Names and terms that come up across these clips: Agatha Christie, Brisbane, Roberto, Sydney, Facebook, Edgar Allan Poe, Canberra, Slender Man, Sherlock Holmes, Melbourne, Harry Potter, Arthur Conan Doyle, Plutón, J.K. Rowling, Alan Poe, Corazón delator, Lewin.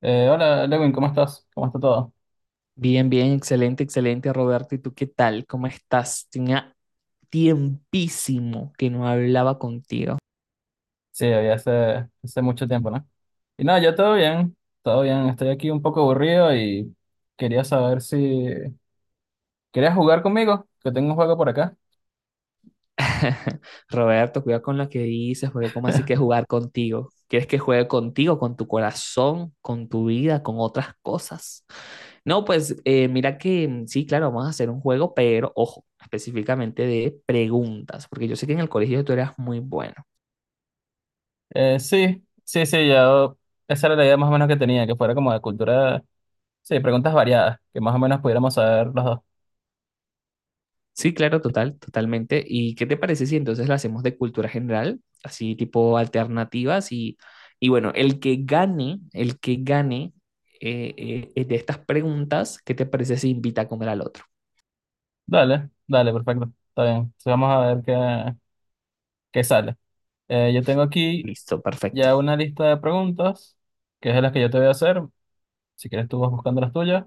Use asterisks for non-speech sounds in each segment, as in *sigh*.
Hola, Lewin, ¿cómo estás? ¿Cómo está todo? Bien, bien, excelente, excelente, Roberto. ¿Y tú qué tal? ¿Cómo estás? Tenía tiempísimo que no hablaba contigo. Sí, había hace mucho tiempo, ¿no? Y nada, ya todo bien, todo bien. Estoy aquí un poco aburrido y quería saber si... ¿Querías jugar conmigo? Que tengo un juego por acá. *laughs* Roberto, cuidado con lo que dices, porque ¿cómo así que *laughs* jugar contigo? ¿Quieres que juegue contigo, con tu corazón, con tu vida, con otras cosas? No, pues mira que sí, claro, vamos a hacer un juego, pero ojo, específicamente de preguntas, porque yo sé que en el colegio tú eras muy bueno. Sí, sí, sí, ya. Esa era la idea más o menos que tenía, que fuera como de cultura... Sí, preguntas variadas, que más o menos pudiéramos saber los dos. Sí, claro, total, totalmente. ¿Y qué te parece si entonces la hacemos de cultura general, así tipo alternativas? Y bueno, el que gane de estas preguntas, ¿qué te parece si invita a comer al otro? Dale, dale, perfecto. Está bien. Entonces vamos a ver qué sale. Yo tengo aquí Listo, perfecto. ya una lista de preguntas, que es de las que yo te voy a hacer. Si quieres tú vas buscando las tuyas.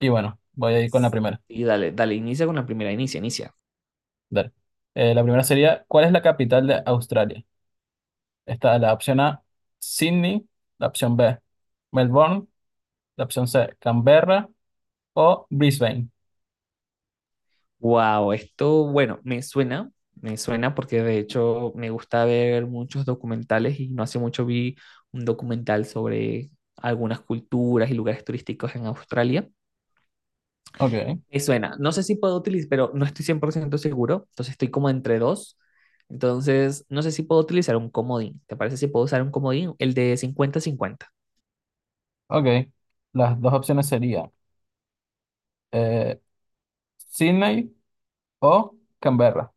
Y bueno, voy a ir con la primera. Y dale, dale, inicia con la primera, inicia, inicia. Dale. La primera sería, ¿cuál es la capital de Australia? Está la opción A, Sydney, la opción B, Melbourne, la opción C, Canberra o Brisbane. Wow, esto, bueno, me suena porque de hecho me gusta ver muchos documentales y no hace mucho vi un documental sobre algunas culturas y lugares turísticos en Australia. Ok, Me suena. No sé si puedo utilizar, pero no estoy 100% seguro. Entonces estoy como entre dos. Entonces, no sé si puedo utilizar un comodín. ¿Te parece si puedo usar un comodín? El de cincuenta cincuenta. ok. Las dos opciones serían eh, Sydney o Canberra.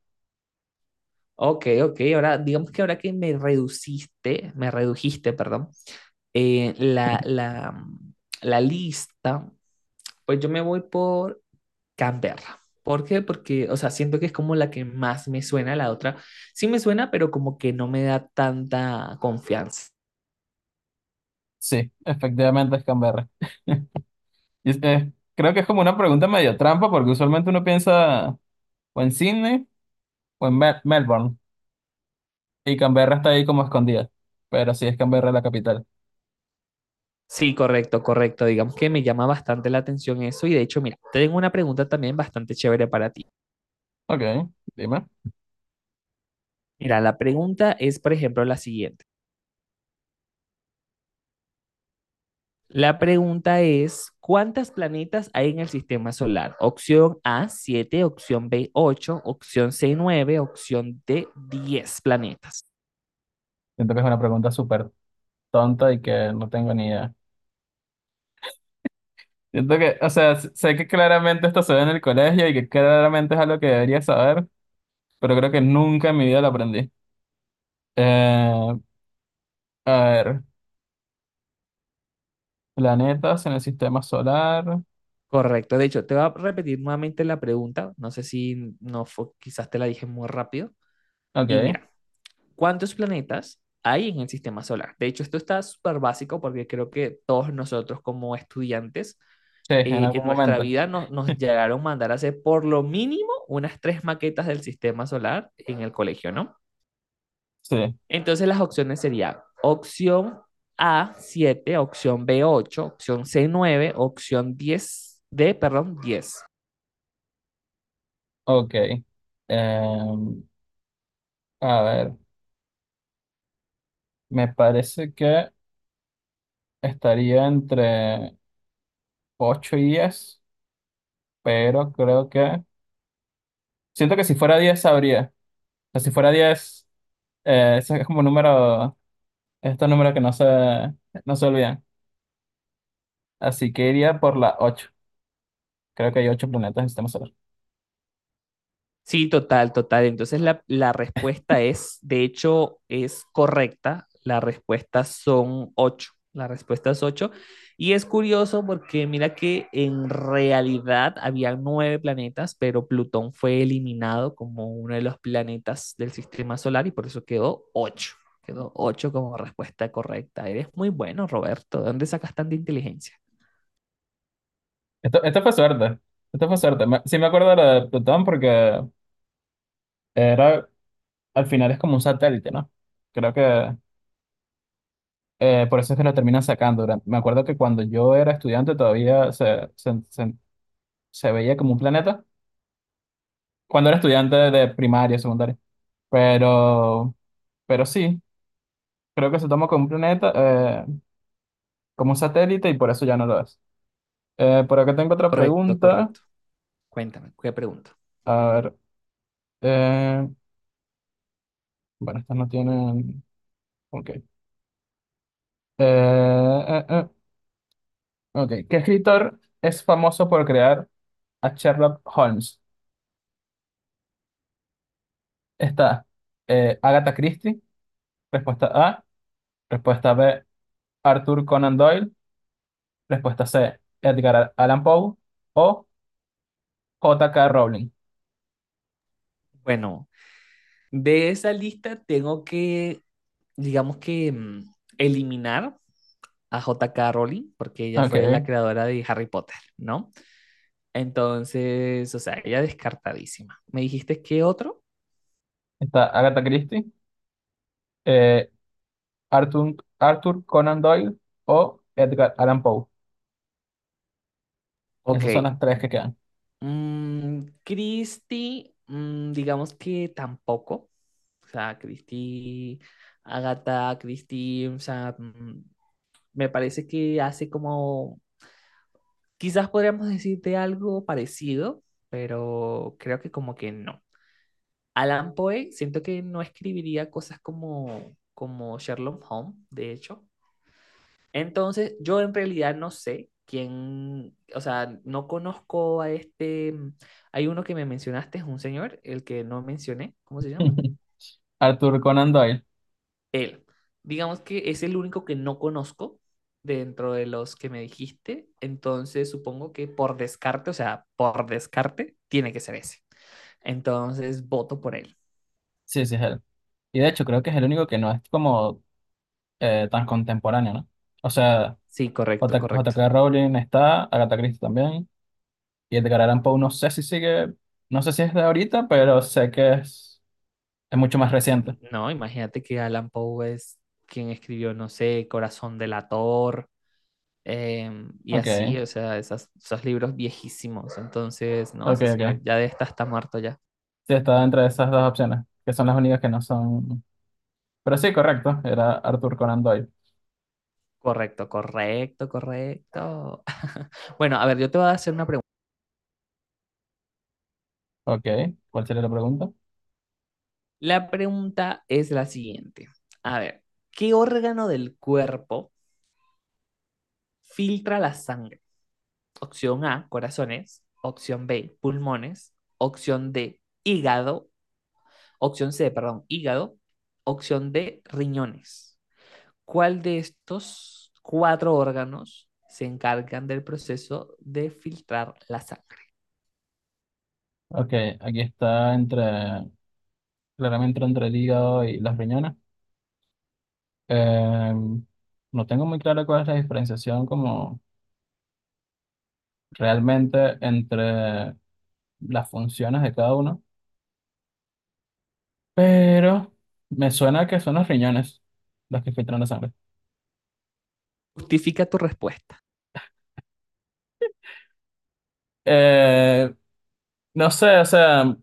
Ok, ok. Ahora, digamos que ahora que me reduciste, me redujiste, perdón, eh, la, la, la lista, pues yo me voy por Canberra. ¿Por qué? Porque, o sea, siento que es como la que más me suena, la otra sí me suena, pero como que no me da tanta confianza. Sí, efectivamente es Canberra. Y creo que es como una pregunta medio trampa porque usualmente uno piensa o en Sydney o en Melbourne y Canberra está ahí como escondida. Pero sí es Canberra la capital. Sí, correcto, correcto. Digamos que me llama bastante la atención eso y de hecho, mira, tengo una pregunta también bastante chévere para ti. Ok, dime. Mira, la pregunta es, por ejemplo, la siguiente. La pregunta es, ¿cuántas planetas hay en el sistema solar? Opción A, 7. Opción B, 8. Opción C, 9. Opción D, 10 planetas. Siento que es una pregunta súper tonta y que no tengo ni idea. Siento que, o sea, sé que claramente esto se ve en el colegio y que claramente es algo que debería saber, pero creo que nunca en mi vida lo aprendí. Eh, a ver, planetas en el sistema solar. Correcto, de hecho, te voy a repetir nuevamente la pregunta, no sé si no fue, quizás te la dije muy rápido. Ok, Y mira, cuántos planetas hay en el sistema solar. De hecho, esto está súper básico porque creo que todos nosotros como estudiantes sí, en en algún nuestra momento. vida nos llegaron a mandar a hacer por lo mínimo unas tres maquetas del sistema solar en el colegio, ¿no? Sí, Entonces las opciones serían opción A, 7, opción B, 8, opción C, 9, opción 10, D, perdón, 10. ok. Em, a ver, me parece que estaría entre 8 y 10, pero creo que... Siento que si fuera 10 sabría. O sea, si fuera diez. Eso es como un número, estos números que no se olvidan. Así que iría por la ocho. Creo que hay 8 planetas en el sistema solar. Sí, total, total. Entonces la respuesta es, de hecho, es correcta. La respuesta son ocho. La respuesta es ocho. Y es curioso porque mira que en realidad había nueve planetas, pero Plutón fue eliminado como uno de los planetas del sistema solar y por eso quedó ocho. Quedó ocho como respuesta correcta. Eres muy bueno, Roberto. ¿De dónde sacas tanta inteligencia? Esto fue suerte. Esto fue suerte. Sí me acuerdo de la de Plutón porque era, al final es como un satélite, ¿no? Creo que por eso es que lo terminan sacando. Me acuerdo que cuando yo era estudiante todavía se veía como un planeta. Cuando era estudiante de primaria, secundaria. Pero, pero sí, creo que se toma como un planeta, como un satélite y por eso ya no lo es. Por acá tengo otra Correcto, pregunta. correcto. Cuéntame, ¿qué pregunta? A ver. eh, bueno, estas no tienen. Ok. Eh, eh, ok. ¿Qué escritor es famoso por crear a Sherlock Holmes? Está Agatha Christie. Respuesta A. Respuesta B. Arthur Conan Doyle. Respuesta C. Edgar Allan Poe. O J.K. Rowling. Bueno, de esa lista tengo que, digamos que, eliminar a J.K. Rowling, porque ella fue la Ok. creadora de Harry Potter, ¿no? Entonces, o sea, ella descartadísima. ¿Me dijiste qué otro? Está Agatha Christie. eh, Arthur Conan Doyle. O Edgar Allan Poe. Ok. Esas son las tres que quedan. Christie, digamos que tampoco. O sea, Christie, Agatha Christie, o sea, me parece que hace como, quizás podríamos decirte algo parecido, pero creo que como que no. Alan Poe, siento que no escribiría cosas como, como Sherlock Holmes, de hecho. Entonces, yo en realidad no sé quién, o sea, no conozco a este, hay uno que me mencionaste, es un señor, el que no mencioné, ¿cómo se llama? *laughs* Arthur Conan Doyle. Él. Digamos que es el único que no conozco dentro de los que me dijiste, entonces supongo que por descarte, o sea, por descarte, tiene que ser ese. Entonces, voto por él. Sí, sí, es él. Y de hecho, creo que es el único que no es como tan contemporáneo, ¿no? O sea, Sí, correcto, correcto. J.K. Rowling está, Agatha Christie también, y Edgar Allan Poe no sé si sigue, no sé si es de ahorita, pero sé que es mucho más reciente. No, imagínate que Alan Poe es quien escribió, no sé, Corazón delator. Y Ok, así, o sea, esos libros viejísimos. Entonces, no, ok, ese señor ok. ya de esta está muerto ya. Sí, está entre esas dos opciones, que son las únicas que no son... Pero sí, correcto, era Arthur Conan Doyle. Correcto, correcto, correcto. *laughs* Bueno, a ver, yo te voy a hacer una pregunta. Ok, ¿cuál sería la pregunta? La pregunta es la siguiente. A ver, ¿qué órgano del cuerpo filtra la sangre? Opción A, corazones. Opción B, pulmones. Opción D, hígado. Opción C, perdón, hígado. Opción D, riñones. ¿Cuál de estos cuatro órganos se encargan del proceso de filtrar la sangre? Ok, aquí está entre, claramente entre el hígado y las riñones. Eh, no tengo muy claro cuál es la diferenciación como realmente entre las funciones de cada uno, pero me suena que son los riñones los que filtran la sangre. Justifica tu respuesta. Eh, no sé, o sea,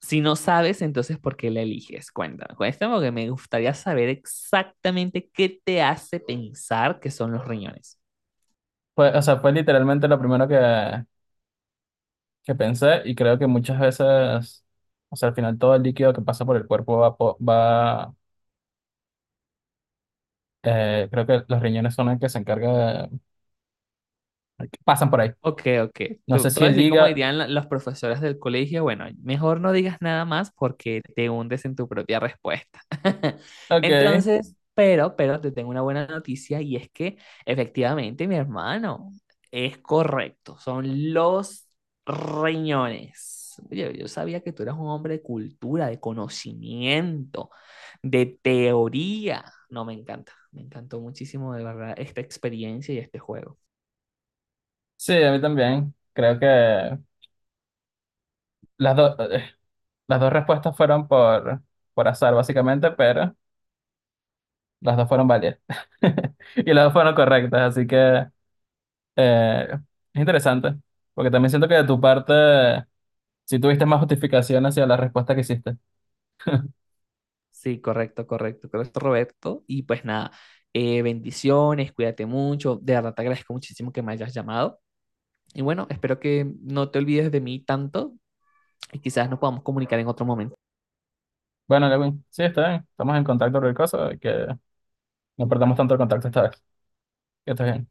Si no sabes, entonces ¿por qué la eliges? Cuéntame, cuéntame porque me gustaría saber exactamente qué te hace pensar que son los riñones. Fue literalmente lo primero que pensé y creo que muchas veces, o sea, al final todo el líquido que pasa por el cuerpo va creo que los riñones son el que se encarga de, pasan por ahí. Ok, ok. No sé Te si voy a el decir cómo hígado, dirían los profesores del colegio. Bueno, mejor no digas nada más porque te hundes en tu propia respuesta. *laughs* ok. Entonces, pero te tengo una buena noticia y es que efectivamente, mi hermano, es correcto. Son los riñones. Oye, yo sabía que tú eras un hombre de cultura, de conocimiento, de teoría. No, me encanta. Me encantó muchísimo, de verdad, esta experiencia y este juego. Sí, a mí también. Creo que las, dos eh, las dos respuestas fueron por azar, básicamente, pero las dos fueron válidas. *laughs* Y las dos fueron correctas, así que eh, es interesante, porque también siento que de tu parte sí tuviste más justificación hacia la respuesta que hiciste. Sí, correcto, correcto, correcto, Roberto. Y pues nada, bendiciones, cuídate mucho. De verdad te agradezco muchísimo que me hayas llamado. Y bueno, espero que no te olvides de mí tanto y quizás nos podamos comunicar en otro momento. Bueno, Lewin, sí, está bien. Estamos en contacto, cualquier cosa, y que no perdamos tanto el contacto esta vez. Que estés bien.